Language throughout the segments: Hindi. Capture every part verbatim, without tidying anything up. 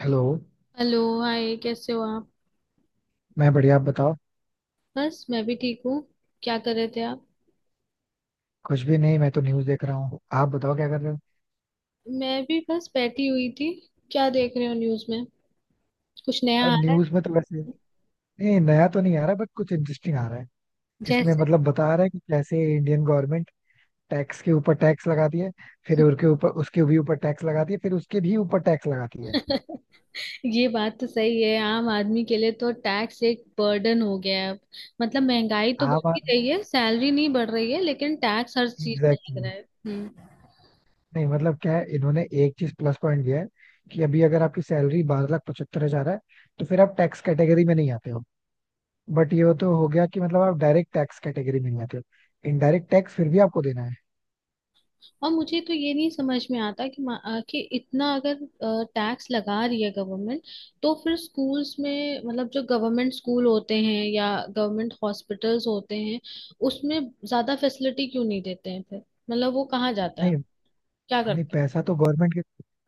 हेलो। हेलो, हाय, कैसे हो आप? मैं बढ़िया, आप बताओ। बस मैं भी ठीक हूँ। क्या कर रहे थे आप? कुछ भी नहीं, मैं तो न्यूज़ देख रहा हूँ। आप बताओ क्या कर रहे हो? मैं भी बस बैठी हुई थी। क्या देख रहे हो न्यूज़ में? कुछ नया आ अब रहा है? न्यूज़ में तो वैसे, नहीं नया तो नहीं आ रहा, बट कुछ इंटरेस्टिंग आ रहा है। इसमें जैसे? मतलब बता रहा है कि कैसे इंडियन गवर्नमेंट टैक्स के ऊपर टैक्स लगाती है, फिर उसके ऊपर, उसके भी ऊपर टैक्स लगाती है, फिर उसके भी ऊपर टैक्स लगाती है। ये बात तो सही है, आम आदमी के लिए तो टैक्स एक बर्डन हो गया है अब। मतलब महंगाई तो आप। बढ़ती रही है, सैलरी नहीं बढ़ रही है, लेकिन टैक्स हर चीज पर लग एग्जैक्टली। रहा है। हम्म। नहीं मतलब क्या है, इन्होंने एक चीज प्लस पॉइंट दिया है कि अभी अगर आपकी सैलरी बारह लाख पचहत्तर हजार है तो फिर आप टैक्स कैटेगरी में नहीं आते हो। बट ये तो हो गया कि मतलब आप डायरेक्ट टैक्स कैटेगरी में नहीं आते हो, इनडायरेक्ट टैक्स फिर भी आपको देना है। और मुझे तो ये नहीं समझ में आता कि मा- अ, कि इतना अगर टैक्स लगा रही है गवर्नमेंट, तो फिर स्कूल्स में मतलब जो गवर्नमेंट स्कूल होते हैं या गवर्नमेंट हॉस्पिटल्स होते हैं, उसमें ज्यादा फैसिलिटी क्यों नहीं देते हैं फिर? मतलब वो कहाँ जाता है? नहीं क्या नहीं, करते हैं? पैसा तो गवर्नमेंट के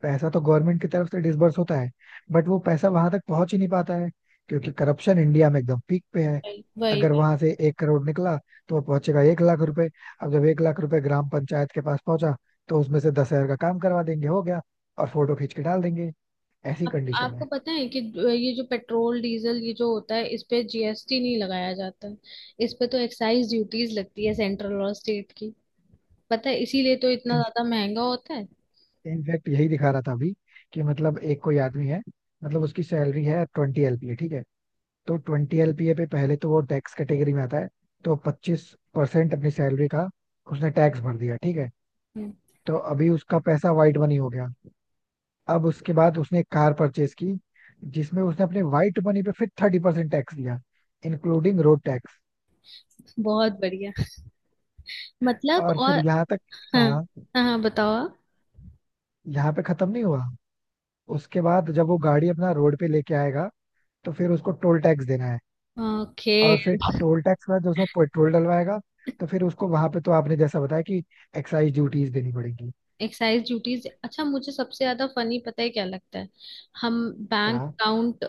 पैसा तो गवर्नमेंट की तरफ से डिसबर्स होता है। बट वो पैसा वहां तक पहुंच ही नहीं पाता है, क्योंकि करप्शन इंडिया में एकदम पीक पे है। वही वही अगर वही। वहां से एक करोड़ निकला तो वो पहुंचेगा एक लाख रुपए। अब जब एक लाख रुपए ग्राम पंचायत के पास पहुंचा तो उसमें से दस हजार का काम करवा देंगे, हो गया, और फोटो खींच के डाल देंगे। ऐसी कंडीशन आपको पता है कि ज- ये जो पेट्रोल डीजल ये जो होता है इस पे जीएसटी नहीं लगाया जाता है। इस पे तो एक्साइज ड्यूटीज लगती है, सेंट्रल और स्टेट की। पता है, इसीलिए तो इतना है। ज्यादा महंगा होता है। इनफैक्ट यही दिखा रहा था अभी कि मतलब एक कोई आदमी है, मतलब उसकी सैलरी है ट्वेंटी एलपीए, ठीक है। तो ट्वेंटी एलपीए पे पहले तो वो टैक्स कैटेगरी में आता है, तो पच्चीस परसेंट अपनी सैलरी का उसने टैक्स भर दिया, ठीक है। हम्म। तो अभी उसका पैसा वाइट मनी हो गया। अब उसके बाद उसने एक कार परचेज की, जिसमें उसने अपने वाइट मनी पे फिर थर्टी परसेंट टैक्स दिया, इंक्लूडिंग रोड टैक्स। बहुत बढ़िया। मतलब और और, फिर यहाँ तक। हाँ। हाँ, हाँ हाँ, बताओ आप। यहाँ पे खत्म नहीं हुआ। उसके बाद जब वो गाड़ी अपना रोड पे लेके आएगा तो फिर उसको टोल टैक्स देना है। ओके। और फिर टोल टैक्स के बाद जो उसमें पेट्रोल डलवाएगा, तो फिर उसको वहां पे, तो आपने जैसा बताया कि एक्साइज ड्यूटीज देनी पड़ेगी। एक्साइज ड्यूटीज, अच्छा मुझे सबसे ज्यादा फनी पता है क्या लगता है? हम। क्या? बैंक अकाउंट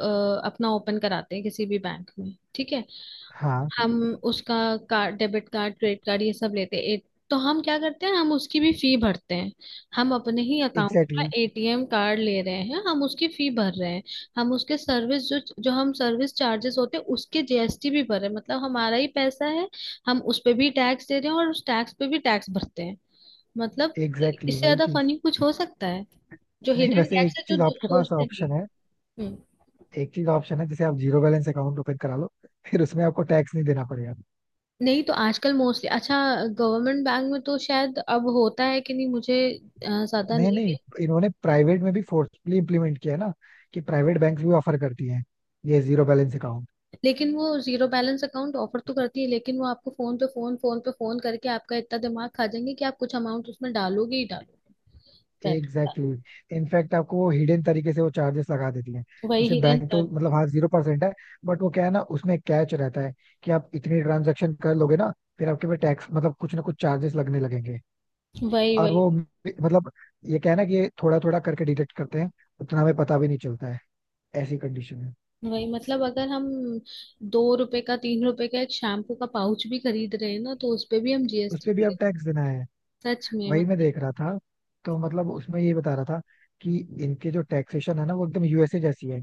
अपना ओपन कराते हैं किसी भी बैंक में, ठीक है। हाँ, हम उसका card, debit card, credit card ये सब लेते हैं। ए- तो हम क्या करते हैं, हम उसकी भी फी भरते हैं। हम अपने ही अकाउंट का एग्जैक्टली एटीएम कार्ड ले रहे हैं, हम उसकी फी भर रहे हैं। हम उसके सर्विस, जो जो हम सर्विस चार्जेस होते हैं उसके जीएसटी भी भर रहे हैं, मतलब हमारा ही पैसा है। हम उस पे भी टैक्स दे रहे हैं और उस टैक्स पे भी टैक्स भरते हैं। मतलब, exactly, एग्जैक्टली इससे exactly, वही ज्यादा चीज। फनी कुछ हो सकता है? जो नहीं, हिडन वैसे एक टैक्स है जो चीज दो- आपके पास सोचते नहीं। ऑप्शन है। हम्म। एक चीज ऑप्शन है, जैसे आप जीरो बैलेंस अकाउंट ओपन करा लो, फिर उसमें आपको टैक्स नहीं देना पड़ेगा। नहीं तो आजकल मोस्टली, अच्छा गवर्नमेंट बैंक में तो शायद अब होता है कि नहीं मुझे अ, ज्यादा नहीं नहीं नहीं, है। इन्होंने प्राइवेट में भी फोर्सफुली इम्प्लीमेंट किया है ना, कि प्राइवेट बैंक भी ऑफर करती हैं ये जीरो बैलेंस अकाउंट। लेकिन वो जीरो बैलेंस अकाउंट ऑफर तो करती है, लेकिन वो आपको फोन पे फोन, फोन पे फोन करके आपका इतना दिमाग खा जाएंगे कि आप कुछ अमाउंट उसमें डालोगे ही डालोगे। पैसा। Exactly exactly. इनफैक्ट आपको वो हिडन तरीके से वो चार्जेस लगा देती है। वही जैसे हिरन बैंक तो कर- मतलब, हाँ, जीरो परसेंट है, बट वो क्या है ना, उसमें कैच रहता है कि आप इतनी ट्रांजेक्शन कर लोगे ना, फिर आपके पे टैक्स मतलब कुछ ना कुछ चार्जेस लगने लगेंगे। वही और वही वो मतलब, ये क्या है ना कि ये थोड़ा थोड़ा करके डिटेक्ट करते हैं, उतना हमें पता भी नहीं चलता है, ऐसी कंडीशन में। वही। मतलब अगर हम दो रुपए का, तीन रुपए का एक शैम्पू का पाउच भी खरीद रहे हैं ना, तो उस पे भी हम उस पे भी जीएसटी। अब टैक्स देना है। सच में वही मैं मतलब। देख रहा था। तो मतलब उसमें ये बता रहा था कि इनके जो टैक्सेशन है ना, वो एकदम यूएसए जैसी है,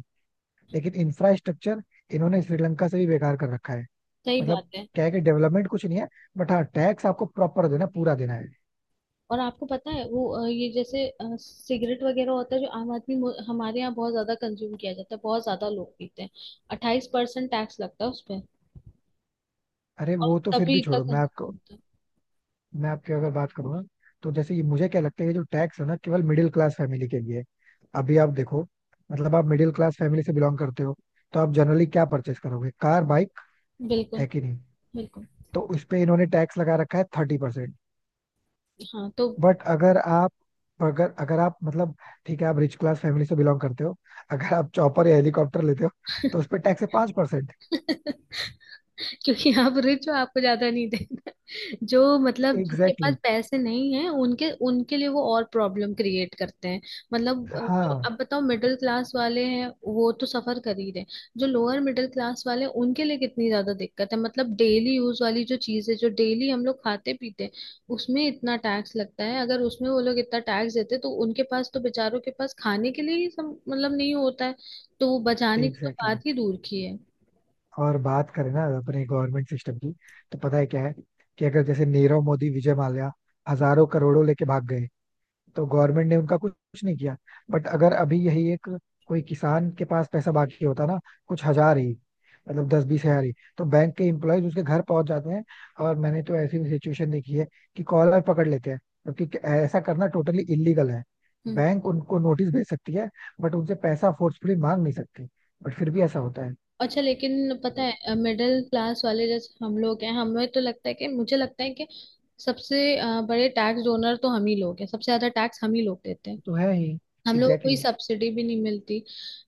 लेकिन इंफ्रास्ट्रक्चर इन्होंने श्रीलंका से भी बेकार कर रखा है। सही बात मतलब, है। क्या है कि डेवलपमेंट कुछ नहीं है, बट हाँ, टैक्स आपको प्रॉपर देना, पूरा देना है। और आपको पता है वो, अ, ये जैसे अ, सिगरेट वगैरह होता है जो आम आदमी, मु- हमारे यहाँ बहुत ज्यादा कंज्यूम किया जाता है, बहुत ज्यादा लोग पीते हैं। अट्ठाईस परसेंट टैक्स लगता है उस पर। अरे और वो तो फिर तभी भी इतना छोड़ो। मैं कंज्यूम आपको होता है। मैं आपकी अगर बात करूँ ना, तो जैसे ये मुझे क्या लगता है, ये जो टैक्स है ना, केवल मिडिल क्लास फैमिली के लिए है। अभी आप देखो, मतलब आप मिडिल क्लास फैमिली से बिलोंग करते हो, तो आप जनरली क्या परचेस करोगे? कार, बाइक, बिल्कुल। है कि नहीं? बिल्कुल। तो उस पे इन्होंने टैक्स लगा रखा है थर्टी परसेंट। हाँ तो। बट अगर आप अगर अगर आप मतलब, ठीक है, आप रिच क्लास फैमिली से बिलोंग करते हो। अगर आप चॉपर या हेलीकॉप्टर लेते हो, तो उस पे टैक्स है 5% परसेंट। क्योंकि आप रिच हो, आपको ज्यादा नहीं देना। जो मतलब जिनके पास एग्जैक्टली। पैसे नहीं है उनके उनके लिए वो और प्रॉब्लम क्रिएट करते हैं। मतलब अ, जो हाँ, अब बताओ मिडिल क्लास वाले हैं, वो तो सफर कर ही रहे हैं। जो लोअर मिडिल क्लास वाले हैं उनके लिए कितनी ज्यादा दिक्कत है, मतलब डेली यूज वाली जो चीज है, जो डेली हम लोग खाते पीते हैं, उसमें इतना टैक्स लगता है। अगर उसमें वो लोग इतना टैक्स देते तो उनके पास तो बेचारों के पास खाने के लिए ही सम, मतलब नहीं होता है। तो वो बचाने की तो एग्जैक्टली बात exactly. ही दूर की है। और बात करें ना अपने गवर्नमेंट सिस्टम की, तो पता है क्या है कि अगर जैसे नीरव मोदी, विजय माल्या हजारों करोड़ों लेके भाग गए, तो गवर्नमेंट ने उनका कुछ कुछ नहीं किया। बट अगर अभी यही एक कोई किसान के पास पैसा बाकी होता ना, कुछ हजार ही, मतलब दस बीस हजार ही, तो बैंक के एम्प्लॉयज उसके घर पहुंच जाते हैं। और मैंने तो ऐसी भी सिचुएशन देखी है कि कॉलर पकड़ लेते हैं, क्योंकि ऐसा करना टोटली इलीगल है। हम्म। बैंक उनको नोटिस भेज सकती है, बट उनसे पैसा फोर्सफुली मांग नहीं सकती, बट फिर भी ऐसा होता है। अच्छा लेकिन पता वो है मिडिल क्लास वाले जैसे हम लोग हैं, हमें तो लगता है कि, मुझे लगता है कि सबसे अ, बड़े टैक्स डोनर तो हम ही लोग हैं, सबसे ज्यादा टैक्स हम ही लोग देते हैं। तो है ही। हम लोगों को एग्जैक्टली कोई exactly. सब्सिडी भी नहीं मिलती।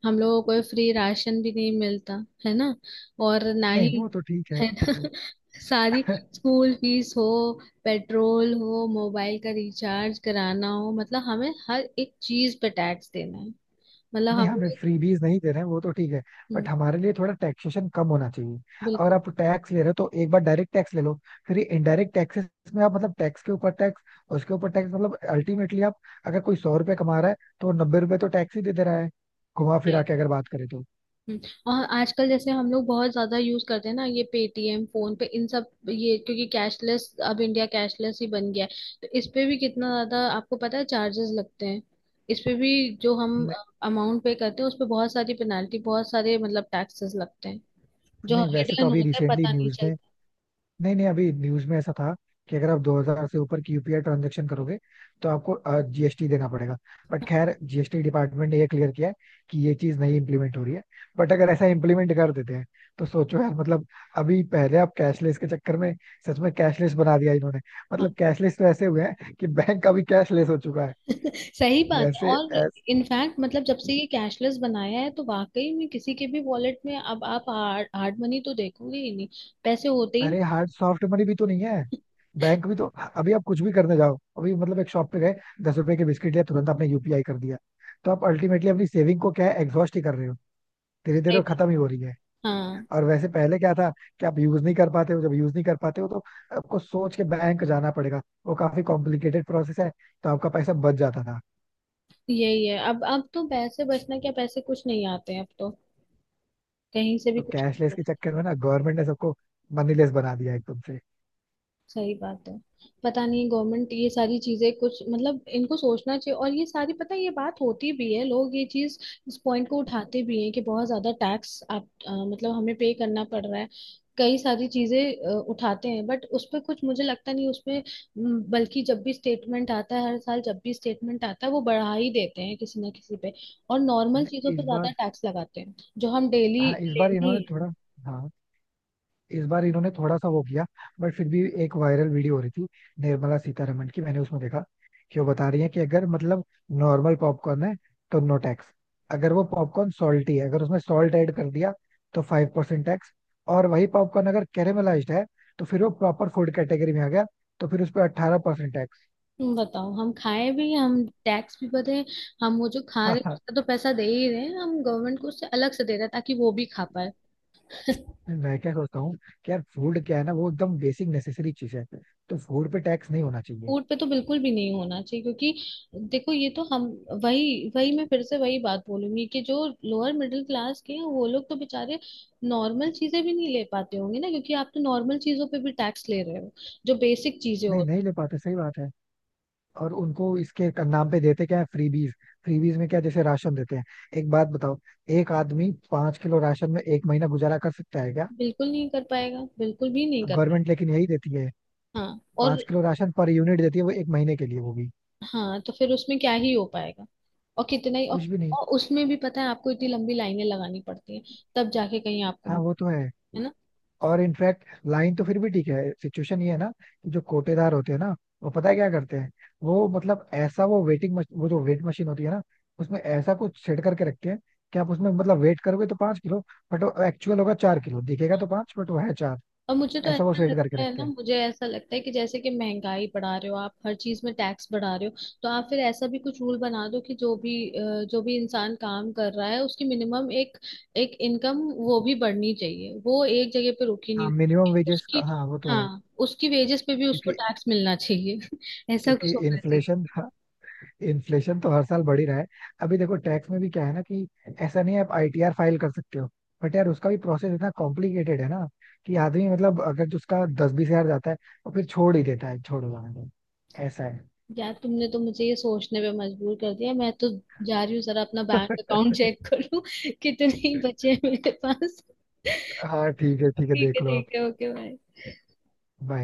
हम लोगों को कोई फ्री राशन भी नहीं मिलता। है ना? और ना नहीं ही, वो तो ठीक है। है ना। सारी स्कूल फीस हो, पेट्रोल हो, मोबाइल का रिचार्ज कराना हो, मतलब हमें हर एक चीज पे टैक्स देना है। मतलब नहीं हम हमें लोग। फ्रीबीज नहीं दे रहे हैं, वो तो ठीक है, हम्म। बट हमारे लिए थोड़ा टैक्सेशन कम होना चाहिए। अगर बिल्कुल। आप टैक्स ले रहे हो तो एक बार डायरेक्ट टैक्स ले लो। फिर ये इनडायरेक्ट टैक्सेस में आप मतलब टैक्स के ऊपर टैक्स, उसके ऊपर टैक्स, मतलब अल्टीमेटली आप, अगर कोई सौ रुपए कमा रहा है तो नब्बे रुपए तो टैक्स ही दे दे रहा है, घुमा फिरा के अगर बात करें तो। हम्म। और आजकल जैसे हम लोग बहुत ज्यादा यूज करते हैं ना, ये पेटीएम, फोन पे, इन सब, ये क्योंकि कैशलेस, अब इंडिया कैशलेस ही बन गया है। तो इस पे भी कितना ज्यादा आपको पता है चार्जेस लगते हैं। इस पे भी जो हम नहीं, अमाउंट पे करते हैं, उस पे बहुत सारी पेनाल्टी, बहुत सारे मतलब टैक्सेस लगते हैं, जो नहीं वैसे तो हिडन अभी होता है, रिसेंटली पता नहीं न्यूज में, चलता। नहीं नहीं, अभी न्यूज में ऐसा था कि अगर आप दो हज़ार से ऊपर की यूपीआई ट्रांजेक्शन करोगे तो आपको जीएसटी देना पड़ेगा। बट खैर जीएसटी डिपार्टमेंट ने ये क्लियर किया है कि ये चीज नहीं इम्प्लीमेंट हो रही है। बट अगर ऐसा इम्प्लीमेंट कर देते हैं, तो सोचो यार, मतलब अभी पहले आप कैशलेस के चक्कर में, सच में कैशलेस बना दिया इन्होंने। हाँ। मतलब कैशलेस तो ऐसे हुए हैं कि बैंक का भी कैशलेस हो चुका है सही बात है। वैसे। और इनफैक्ट मतलब, जब से ये कैशलेस बनाया है, तो वाकई में किसी के भी वॉलेट में अब आप हार्ड मनी तो देखोगे ही नहीं, पैसे होते ही अरे हार्ड, सॉफ्ट मनी भी तो नहीं है, बैंक भी तो। अभी आप कुछ भी करने जाओ, अभी मतलब एक शॉप पे गए, दस रुपए के बिस्किट लिया, तुरंत आपने यूपीआई कर दिया। तो आप अल्टीमेटली अपनी सेविंग को क्या है, एग्जॉस्ट ही कर रहे हो, धीरे धीरे वो नहीं। खत्म ही हो रही है। हाँ, और वैसे पहले क्या था कि आप यूज नहीं कर पाते हो, जब यूज नहीं कर पाते हो तो आपको सोच के बैंक जाना पड़ेगा, वो काफी कॉम्प्लिकेटेड प्रोसेस है, तो आपका पैसा बच जाता था। यही है। अब अब तो पैसे बचना क्या, पैसे कुछ नहीं आते हैं अब तो, कहीं से भी तो कुछ नहीं। कैशलेस के चक्कर में ना गवर्नमेंट ने सबको मनीलेस बना दिया एकदम से। सही बात है। पता नहीं गवर्नमेंट ये सारी चीजें कुछ मतलब इनको सोचना चाहिए, और ये सारी पता है ये बात होती भी है, लोग ये चीज, इस पॉइंट को उठाते भी हैं कि बहुत ज्यादा टैक्स आप अ, मतलब हमें पे करना पड़ रहा है, कई सारी चीजें अ, उठाते हैं, बट उस पे कुछ मुझे लगता नहीं उस पे। म, बल्कि जब भी स्टेटमेंट आता है, हर साल जब भी स्टेटमेंट आता है, वो बढ़ा ही देते हैं किसी ना किसी पे, और हाँ, नॉर्मल चीजों पे इस बार ज्यादा टैक्स लगाते हैं, जो हम डेली हाँ इस बार लेने। इन्होंने थोड़ा हाँ इस बार इन्होंने थोड़ा सा वो किया। बट फिर भी एक वायरल वीडियो हो रही थी निर्मला सीतारमण की, मैंने उसमें देखा कि वो बता रही है कि अगर मतलब नॉर्मल पॉपकॉर्न है तो नो टैक्स। अगर वो पॉपकॉर्न सॉल्टी है, अगर उसमें सॉल्ट ऐड कर दिया, तो फाइव परसेंट टैक्स। और वही पॉपकॉर्न अगर कैरेमलाइज्ड है, तो फिर वो प्रॉपर फूड कैटेगरी में आ गया, तो फिर उस पर अट्ठारह परसेंट टैक्स। तुम बताओ, हम खाएं भी, हम टैक्स भी भरे। हम वो जो खा रहे हैं, उसका तो पैसा दे ही रहे हैं, हम गवर्नमेंट को उससे अलग से दे रहे हैं ताकि वो भी खा पाए। मैं क्या सोचता हूँ कि यार, फूड क्या है ना, वो एकदम बेसिक नेसेसरी चीज है, तो फूड पे टैक्स नहीं होना चाहिए। फूड पे तो बिल्कुल भी नहीं होना चाहिए, क्योंकि देखो ये तो हम, वही वही मैं फिर से वही बात बोलूंगी कि जो लोअर मिडिल क्लास के हैं, वो लोग तो बेचारे नॉर्मल चीजें भी नहीं ले पाते होंगे ना, क्योंकि आप तो नॉर्मल चीजों पे भी टैक्स ले रहे हो, जो बेसिक चीजें नहीं होती नहीं ले पाते, सही बात है। और उनको इसके क- नाम पे देते क्या है? फ्रीबीज। फ्रीबीज में क्या, जैसे राशन देते हैं। एक बात बताओ, एक आदमी पांच किलो राशन में एक महीना गुजारा कर सकता है क्या? हैं, बिल्कुल नहीं कर पाएगा, बिल्कुल भी नहीं कर पाएगा। गवर्नमेंट लेकिन यही देती है, हाँ, और? पांच किलो राशन पर यूनिट देती है वो, एक महीने के लिए, वो भी हाँ तो फिर उसमें क्या ही हो पाएगा, और कितना ही, और। कुछ भी नहीं। और उसमें भी पता है आपको इतनी लंबी लाइनें लगानी पड़ती हैं, तब जाके कहीं आपको, हाँ वो तो है। है ना? और इनफैक्ट लाइन तो फिर भी ठीक है, सिचुएशन ये है ना कि जो कोटेदार होते हैं ना, वो पता है क्या करते हैं, वो मतलब ऐसा, वो वेटिंग मशीन, वो जो वेट मशीन होती है ना, उसमें ऐसा कुछ सेट करके रखते हैं कि आप उसमें मतलब वेट करोगे तो पांच किलो, बट वो एक्चुअल होगा चार किलो, दिखेगा तो पांच, बट वो है चार। और मुझे तो ऐसा वो ऐसा सेट करके लगता है रखते ना, हैं। मुझे ऐसा लगता है कि, जैसे कि महंगाई बढ़ा रहे हो आप, हर चीज में टैक्स बढ़ा रहे हो। तो आप फिर ऐसा भी कुछ रूल बना दो कि जो भी, अ, जो भी इंसान काम कर रहा है, उसकी मिनिमम एक एक इनकम वो भी बढ़नी चाहिए, वो एक जगह पे रुकी नहीं हाँ, मिनिमम होनी। वेजेस का, उसकी, हाँ वो तो है। हाँ, उसकी वेजेस पे भी उसको क्योंकि टैक्स मिलना चाहिए। ऐसा क्योंकि कुछ होना। इन्फ्लेशन। इन्फ्लेशन तो हर साल बढ़ ही रहा है। अभी देखो टैक्स में भी क्या है ना कि ऐसा नहीं है, आप आईटीआर फाइल कर सकते हो, बट यार उसका भी प्रोसेस इतना कॉम्प्लिकेटेड है ना, कि आदमी मतलब अगर जो उसका दस बीस हजार जाता है तो फिर छोड़ ही देता है, छोड़ो जाने दो, ऐसा है। यार तुमने तो मुझे ये सोचने पे मजबूर कर दिया, मैं तो जा रही हूँ जरा अपना बैंक अकाउंट चेक करूँ। कितने बचे हैं मेरे पास। हाँ ठीक ठीक है, ठीक है, है, देख लो आप। ठीक है, ओके, बाय। Bye.